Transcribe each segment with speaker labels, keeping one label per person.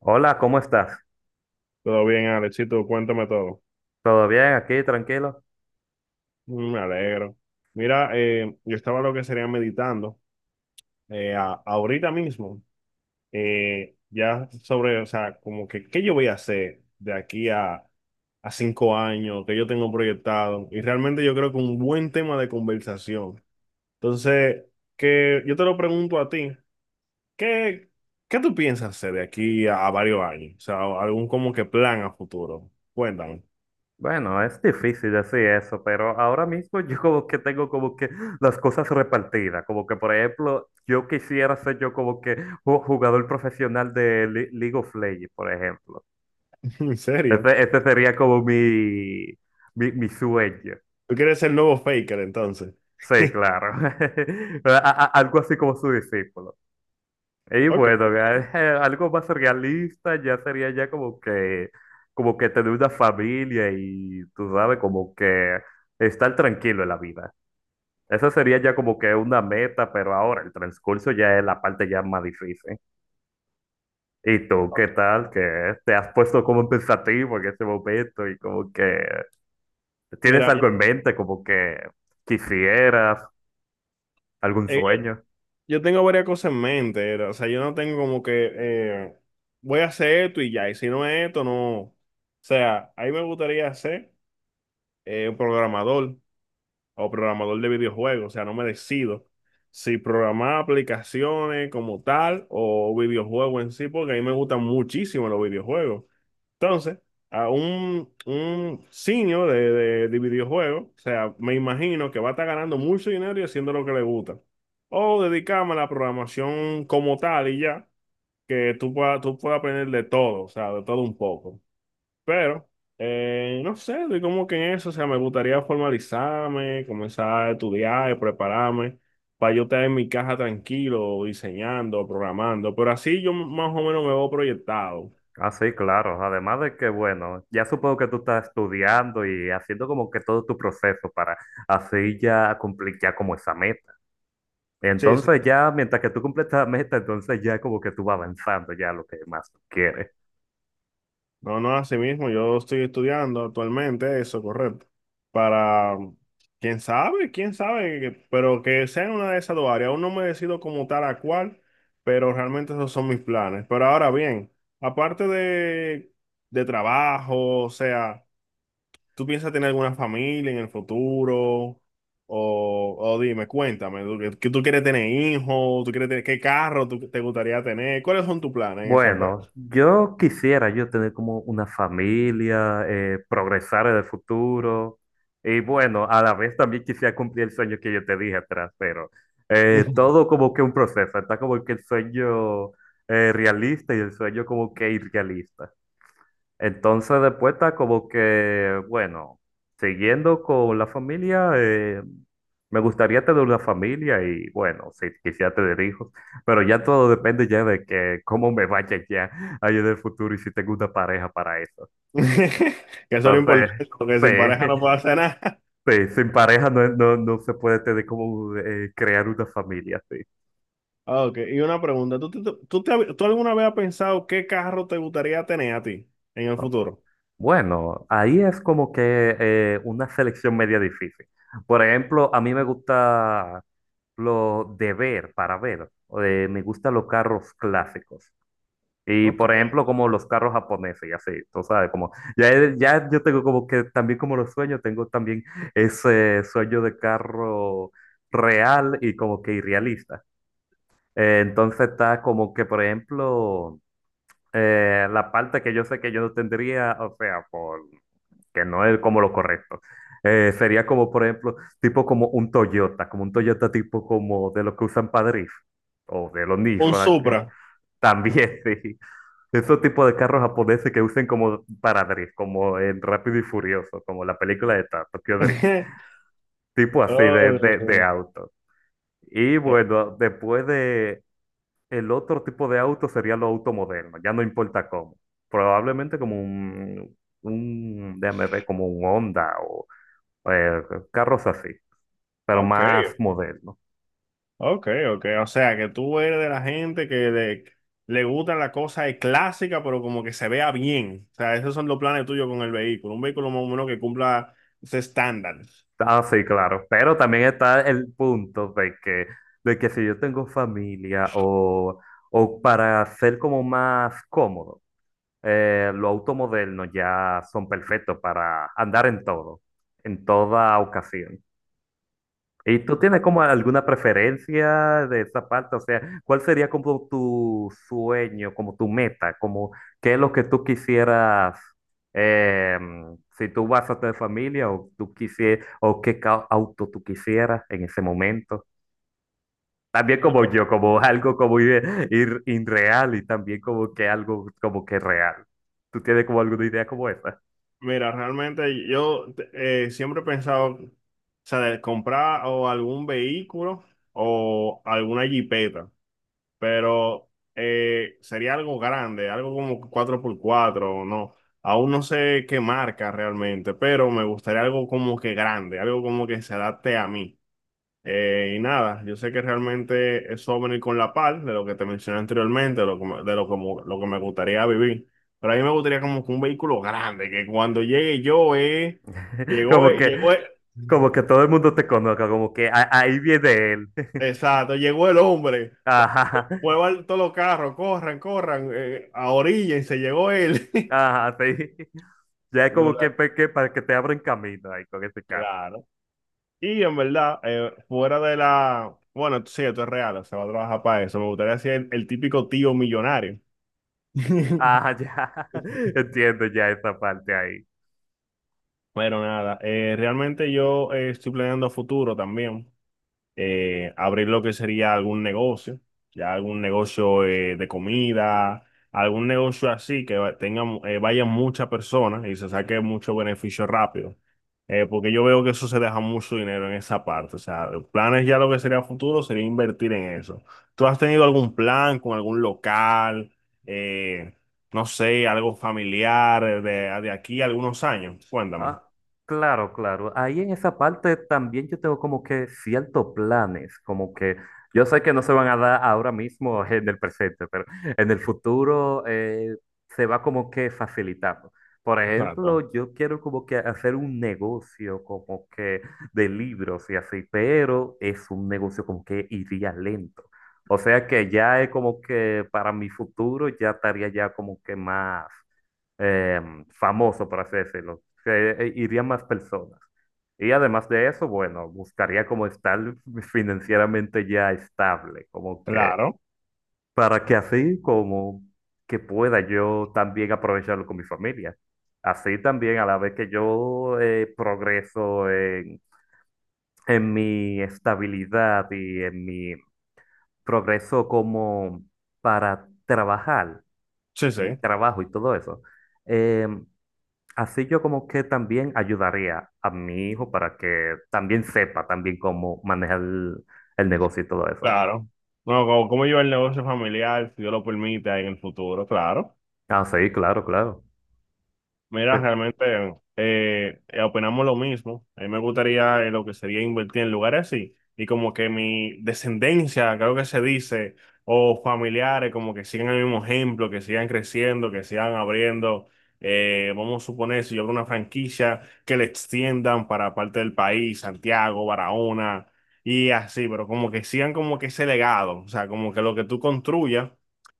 Speaker 1: Hola, ¿cómo estás?
Speaker 2: Todo bien, Alexito, cuéntame todo.
Speaker 1: ¿Todo bien aquí, tranquilo?
Speaker 2: Mm. Me alegro. Mira, yo estaba lo que sería meditando ahorita mismo, ya sobre, o sea, como que, ¿qué yo voy a hacer de aquí a 5 años que yo tengo proyectado? Y realmente yo creo que un buen tema de conversación. Entonces, que yo te lo pregunto a ti, ¿qué, qué tú piensas hacer de aquí a varios años? O sea, algún como que plan a futuro. Cuéntame.
Speaker 1: Bueno, es difícil decir eso, pero ahora mismo yo como que tengo como que las cosas repartidas, como que por ejemplo, yo quisiera ser yo como que un jugador profesional de League of Legends, por ejemplo.
Speaker 2: ¿En serio?
Speaker 1: Ese sería como mi, mi sueño.
Speaker 2: Tú quieres ser el nuevo Faker, entonces.
Speaker 1: Sí, claro. A- algo así como su discípulo. Y
Speaker 2: Ok.
Speaker 1: bueno, ya, algo más realista ya sería ya como que tener una familia y tú sabes, como que estar tranquilo en la vida. Esa sería ya como que una meta, pero ahora el transcurso ya es la parte ya más difícil. ¿Y tú qué tal? Que te has puesto como pensativo en ese momento y como que tienes
Speaker 2: Mira,
Speaker 1: algo en mente, como que quisieras algún
Speaker 2: eh,
Speaker 1: sueño.
Speaker 2: yo tengo varias cosas en mente. O sea, yo no tengo como que voy a hacer esto y ya. Y si no es esto, no. O sea, ahí me gustaría ser un programador o programador de videojuegos. O sea, no me decido si programar aplicaciones como tal o videojuegos en sí, porque a mí me gustan muchísimo los videojuegos. Entonces, a un senior de videojuegos, o sea, me imagino que va a estar ganando mucho dinero y haciendo lo que le gusta. O dedicarme a la programación como tal y ya, que tú puedas aprender de todo, o sea, de todo un poco. Pero, no sé, estoy como que en eso, o sea, me gustaría formalizarme, comenzar a estudiar y prepararme para yo estar en mi caja tranquilo, diseñando, programando. Pero así yo más o menos me veo proyectado.
Speaker 1: Ah, sí, claro. Además de que, bueno, ya supongo que tú estás estudiando y haciendo como que todo tu proceso para así ya cumplir ya como esa meta.
Speaker 2: Sí, sí.
Speaker 1: Entonces ya, mientras que tú cumples esa meta, entonces ya como que tú vas avanzando ya a lo que más tú quieres.
Speaker 2: No, no, así mismo, yo estoy estudiando actualmente eso, correcto. Para, quién sabe, pero que sea en una de esas dos áreas. Aún no me decido como tal a cuál, pero realmente esos son mis planes. Pero ahora bien, aparte de trabajo, o sea, ¿tú piensas tener alguna familia en el futuro? O dime, cuéntame, ¿tú, que tú quieres tener hijos? ¿Tú quieres tener qué carro te gustaría tener? ¿Cuáles son tus planes en ese aspecto?
Speaker 1: Bueno, yo quisiera yo tener como una familia, progresar en el futuro y bueno, a la vez también quisiera cumplir el sueño que yo te dije atrás, pero todo como que un proceso, está como que el sueño realista y el sueño como que irrealista. Entonces después está como que, bueno, siguiendo con la familia, me gustaría tener una familia y bueno, si quisiera tener hijos, pero ya todo depende ya de que cómo me vaya ya ahí en el futuro y si tengo una pareja para eso.
Speaker 2: Que eso es lo
Speaker 1: Entonces,
Speaker 2: importante, porque
Speaker 1: sí,
Speaker 2: sin pareja no puedo hacer nada.
Speaker 1: sí, sin pareja no, no, no se puede tener como crear una familia, sí.
Speaker 2: Ah, Ok, y una pregunta, ¿Tú alguna vez has pensado qué carro te gustaría tener a ti en el futuro?
Speaker 1: Bueno, ahí es como que una selección media difícil. Por ejemplo, a mí me gusta lo de ver, para ver. Me gustan los carros clásicos. Y
Speaker 2: Ok.
Speaker 1: por ejemplo, como los carros japoneses y así, tú sabes, como ya, ya yo tengo como que también como los sueños, tengo también ese sueño de carro real y como que irrealista. Entonces está como que, por ejemplo, la parte que yo sé que yo no tendría, o sea, por que no es como lo correcto. Sería como, por ejemplo, tipo como un Toyota tipo como de los que usan para drift, o de los
Speaker 2: Un
Speaker 1: Nissan, que
Speaker 2: Supra.
Speaker 1: también sí. Esos tipos de carros japoneses que usen como para drift, como en Rápido y Furioso, como la película de Tokyo Drift, tipo así de, de,
Speaker 2: Oh,
Speaker 1: de auto. Y
Speaker 2: eh,
Speaker 1: bueno, después de el otro tipo de auto sería los autos modernos, ya no importa cómo. Probablemente como un, déjame ver, como un Honda o eh, carros así, pero
Speaker 2: ok,
Speaker 1: más modernos.
Speaker 2: ok, ok. O sea, que tú eres de la gente que le gustan las cosas clásicas, pero como que se vea bien. O sea, esos son los planes tuyos con el vehículo. Un vehículo más o menos que cumpla ese estándar.
Speaker 1: Ah, sí, claro. Pero también está el punto de que si yo tengo familia o para ser como más cómodo, los autos modernos ya son perfectos para andar en todo, en toda ocasión. ¿Y tú tienes como alguna preferencia de esa parte? O sea, ¿cuál sería como tu sueño, como tu meta, como qué es lo que tú quisieras, eh, si tú vas a tener familia o tú quisieras, o qué auto tú quisieras en ese momento? También como yo, como algo como ir, irreal y también como que algo como que real. ¿Tú tienes como alguna idea como esa?
Speaker 2: Mira, realmente yo siempre he pensado, o sea, de comprar o algún vehículo o alguna jipeta, pero sería algo grande, algo como 4x4, o no. Aún no sé qué marca realmente, pero me gustaría algo como que grande, algo como que se adapte a mí. Y nada, yo sé que realmente eso va a venir con la par de lo que te mencioné anteriormente, de lo que, de lo, como, lo que me gustaría vivir. Pero a mí me gustaría como que un vehículo grande, que cuando llegue yo, llegó,
Speaker 1: Como que,
Speaker 2: llegó,
Speaker 1: como que todo el mundo te conozca, como que "Ah, ahí viene él".
Speaker 2: exacto, llegó el hombre,
Speaker 1: Ajá.
Speaker 2: muevan todos los carros, corran, corran, a orilla y se llegó él.
Speaker 1: Ajá, sí. Ya es
Speaker 2: No,
Speaker 1: como que,
Speaker 2: la-
Speaker 1: que para que te abran camino ahí con ese carro.
Speaker 2: Claro. Y en verdad, fuera de la, bueno, sí, esto es real, se va a trabajar para eso. Me gustaría ser el típico tío millonario.
Speaker 1: Ajá, ya. Entiendo ya esa parte ahí.
Speaker 2: Bueno, nada, realmente yo estoy planeando a futuro también abrir lo que sería algún negocio, ya algún negocio de comida, algún negocio así que tenga, vayan muchas personas y se saque mucho beneficio rápido. Porque yo veo que eso se deja mucho dinero en esa parte, o sea, planes ya lo que sería a futuro sería invertir en eso. ¿Tú has tenido algún plan con algún local, eh, no sé, algo familiar de aquí a algunos años? Cuéntame.
Speaker 1: Ah, claro, claro. Ahí en esa parte también yo tengo como que ciertos planes, como que yo sé que no se van a dar ahora mismo en el presente, pero en el futuro se va como que facilitando. Por
Speaker 2: Exacto.
Speaker 1: ejemplo, yo quiero como que hacer un negocio como que de libros y así, pero es un negocio como que iría lento. O sea que ya es como que para mi futuro ya estaría ya como que más eh, famoso, por así decirlo, que irían más personas. Y además de eso, bueno, buscaría como estar financieramente ya estable, como que
Speaker 2: Claro.
Speaker 1: para que así como que pueda yo también aprovecharlo con mi familia. Así también a la vez que yo progreso en mi estabilidad y en mi progreso como para trabajar,
Speaker 2: Sí, sí,
Speaker 1: en mi trabajo y todo eso. eh, Así yo como que también ayudaría a mi hijo para que también sepa también cómo manejar el negocio y todo eso.
Speaker 2: claro. No, como yo el negocio familiar, si Dios lo permite en el futuro, claro.
Speaker 1: Ah, sí, claro, claro.
Speaker 2: Mira,
Speaker 1: Sí.
Speaker 2: realmente opinamos lo mismo. A mí me gustaría lo que sería invertir en lugares así. Y como que mi descendencia, creo que se dice, o familiares, como que sigan el mismo ejemplo, que sigan creciendo, que sigan abriendo. Vamos a suponer, si yo abro una franquicia, que le extiendan para parte del país, Santiago, Barahona, y así, pero como que sigan como que ese legado, o sea, como que lo que tú construyas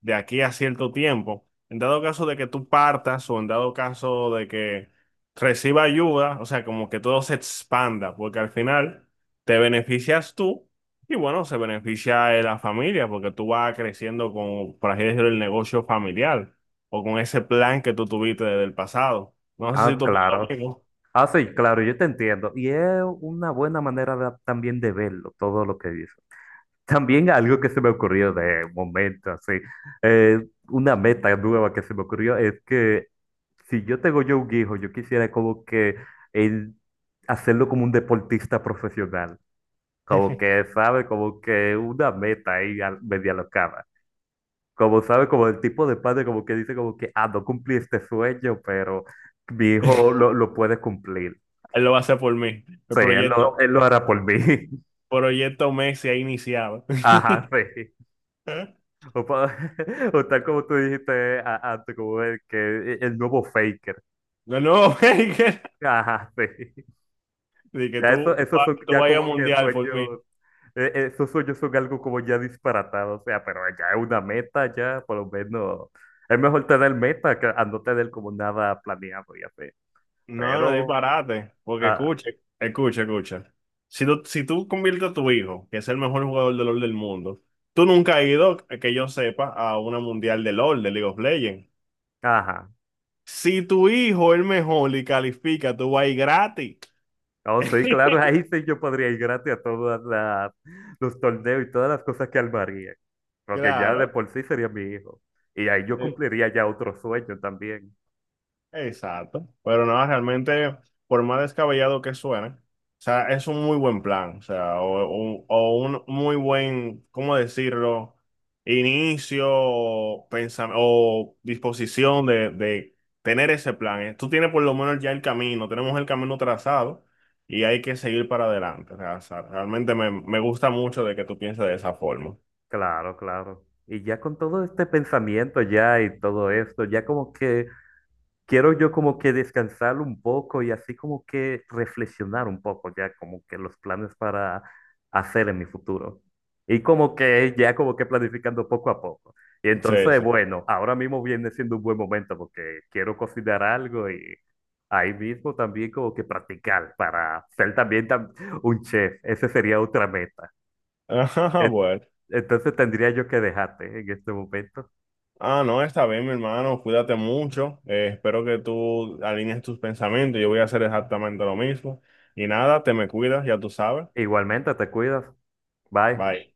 Speaker 2: de aquí a cierto tiempo en dado caso de que tú partas o en dado caso de que reciba ayuda, o sea, como que todo se expanda, porque al final te beneficias tú y bueno, se beneficia la familia, porque tú vas creciendo con, por así decirlo, el negocio familiar o con ese plan que tú tuviste desde el pasado. No sé si
Speaker 1: Ah,
Speaker 2: tú piensas lo
Speaker 1: claro.
Speaker 2: mismo.
Speaker 1: Ah, sí, claro, yo te entiendo. Y es una buena manera de- también de verlo, todo lo que dices. También algo que se me ocurrió de momento, así, una meta nueva que se me ocurrió es que si yo tengo yo un hijo, yo quisiera como que él hacerlo como un deportista profesional. Como que sabe, como que una meta ahí media locada. Como sabe, como el tipo de padre, como que dice, como que, ah, no cumplí este sueño, pero mi hijo lo puede cumplir.
Speaker 2: Él lo va a hacer por mí. El
Speaker 1: Sí,
Speaker 2: proyecto,
Speaker 1: él lo hará por mí.
Speaker 2: proyecto Messi ha iniciado.
Speaker 1: Ajá, sí. O, o tal como tú dijiste antes, como el, que, e, el nuevo faker.
Speaker 2: No, no, de
Speaker 1: Ajá, sí.
Speaker 2: que
Speaker 1: Ya
Speaker 2: tú,
Speaker 1: eso,
Speaker 2: tú
Speaker 1: esos
Speaker 2: vas
Speaker 1: son
Speaker 2: tú
Speaker 1: ya
Speaker 2: vas a ir
Speaker 1: como
Speaker 2: al
Speaker 1: que
Speaker 2: mundial por mí.
Speaker 1: sueños, esos sueños son algo como ya disparatados, o sea, pero ya es una meta, ya por lo menos es mejor tener meta que a no tener como nada planeado, ya sé.
Speaker 2: No, no
Speaker 1: Pero,
Speaker 2: disparate, porque
Speaker 1: ah,
Speaker 2: escucha, escucha. Si tú conviertes a tu hijo, que es el mejor jugador de LoL del mundo, tú nunca has ido, que yo sepa, a una mundial de LoL, de League of Legends.
Speaker 1: ajá,
Speaker 2: Si tu hijo es el mejor y califica, tú vas a ir gratis.
Speaker 1: oh sí, claro, ahí sí yo podría ir gratis a todos los torneos y todas las cosas que armaría, porque ya de
Speaker 2: Claro.
Speaker 1: por sí sería mi hijo. Y ahí yo cumpliría ya otro sueño también.
Speaker 2: Exacto, pero no, realmente, por más descabellado que suene, o sea, es un muy buen plan, o sea, o un muy buen, ¿cómo decirlo? Inicio, o disposición de tener ese plan. ¿Eh? Tú tienes por lo menos ya el camino, tenemos el camino trazado y hay que seguir para adelante. O sea, realmente me gusta mucho de que tú pienses de esa forma.
Speaker 1: Claro, claro. Y ya con todo este pensamiento ya y todo esto, ya como que quiero yo como que descansar un poco y así como que reflexionar un poco ya como que los planes para hacer en mi futuro. Y como que ya como que planificando poco a poco. Y
Speaker 2: Sí,
Speaker 1: entonces,
Speaker 2: sí.
Speaker 1: bueno, ahora mismo viene siendo un buen momento porque quiero cocinar algo y ahí mismo también como que practicar para ser también un chef. Ese sería otra meta.
Speaker 2: Ajá, bueno.
Speaker 1: Entonces tendría yo que dejarte en este momento.
Speaker 2: Ah, no, está bien, mi hermano. Cuídate mucho. Espero que tú alinees tus pensamientos. Yo voy a hacer exactamente lo mismo. Y nada, te me cuidas, ya tú sabes.
Speaker 1: Igualmente, te cuidas. Bye.
Speaker 2: Bye.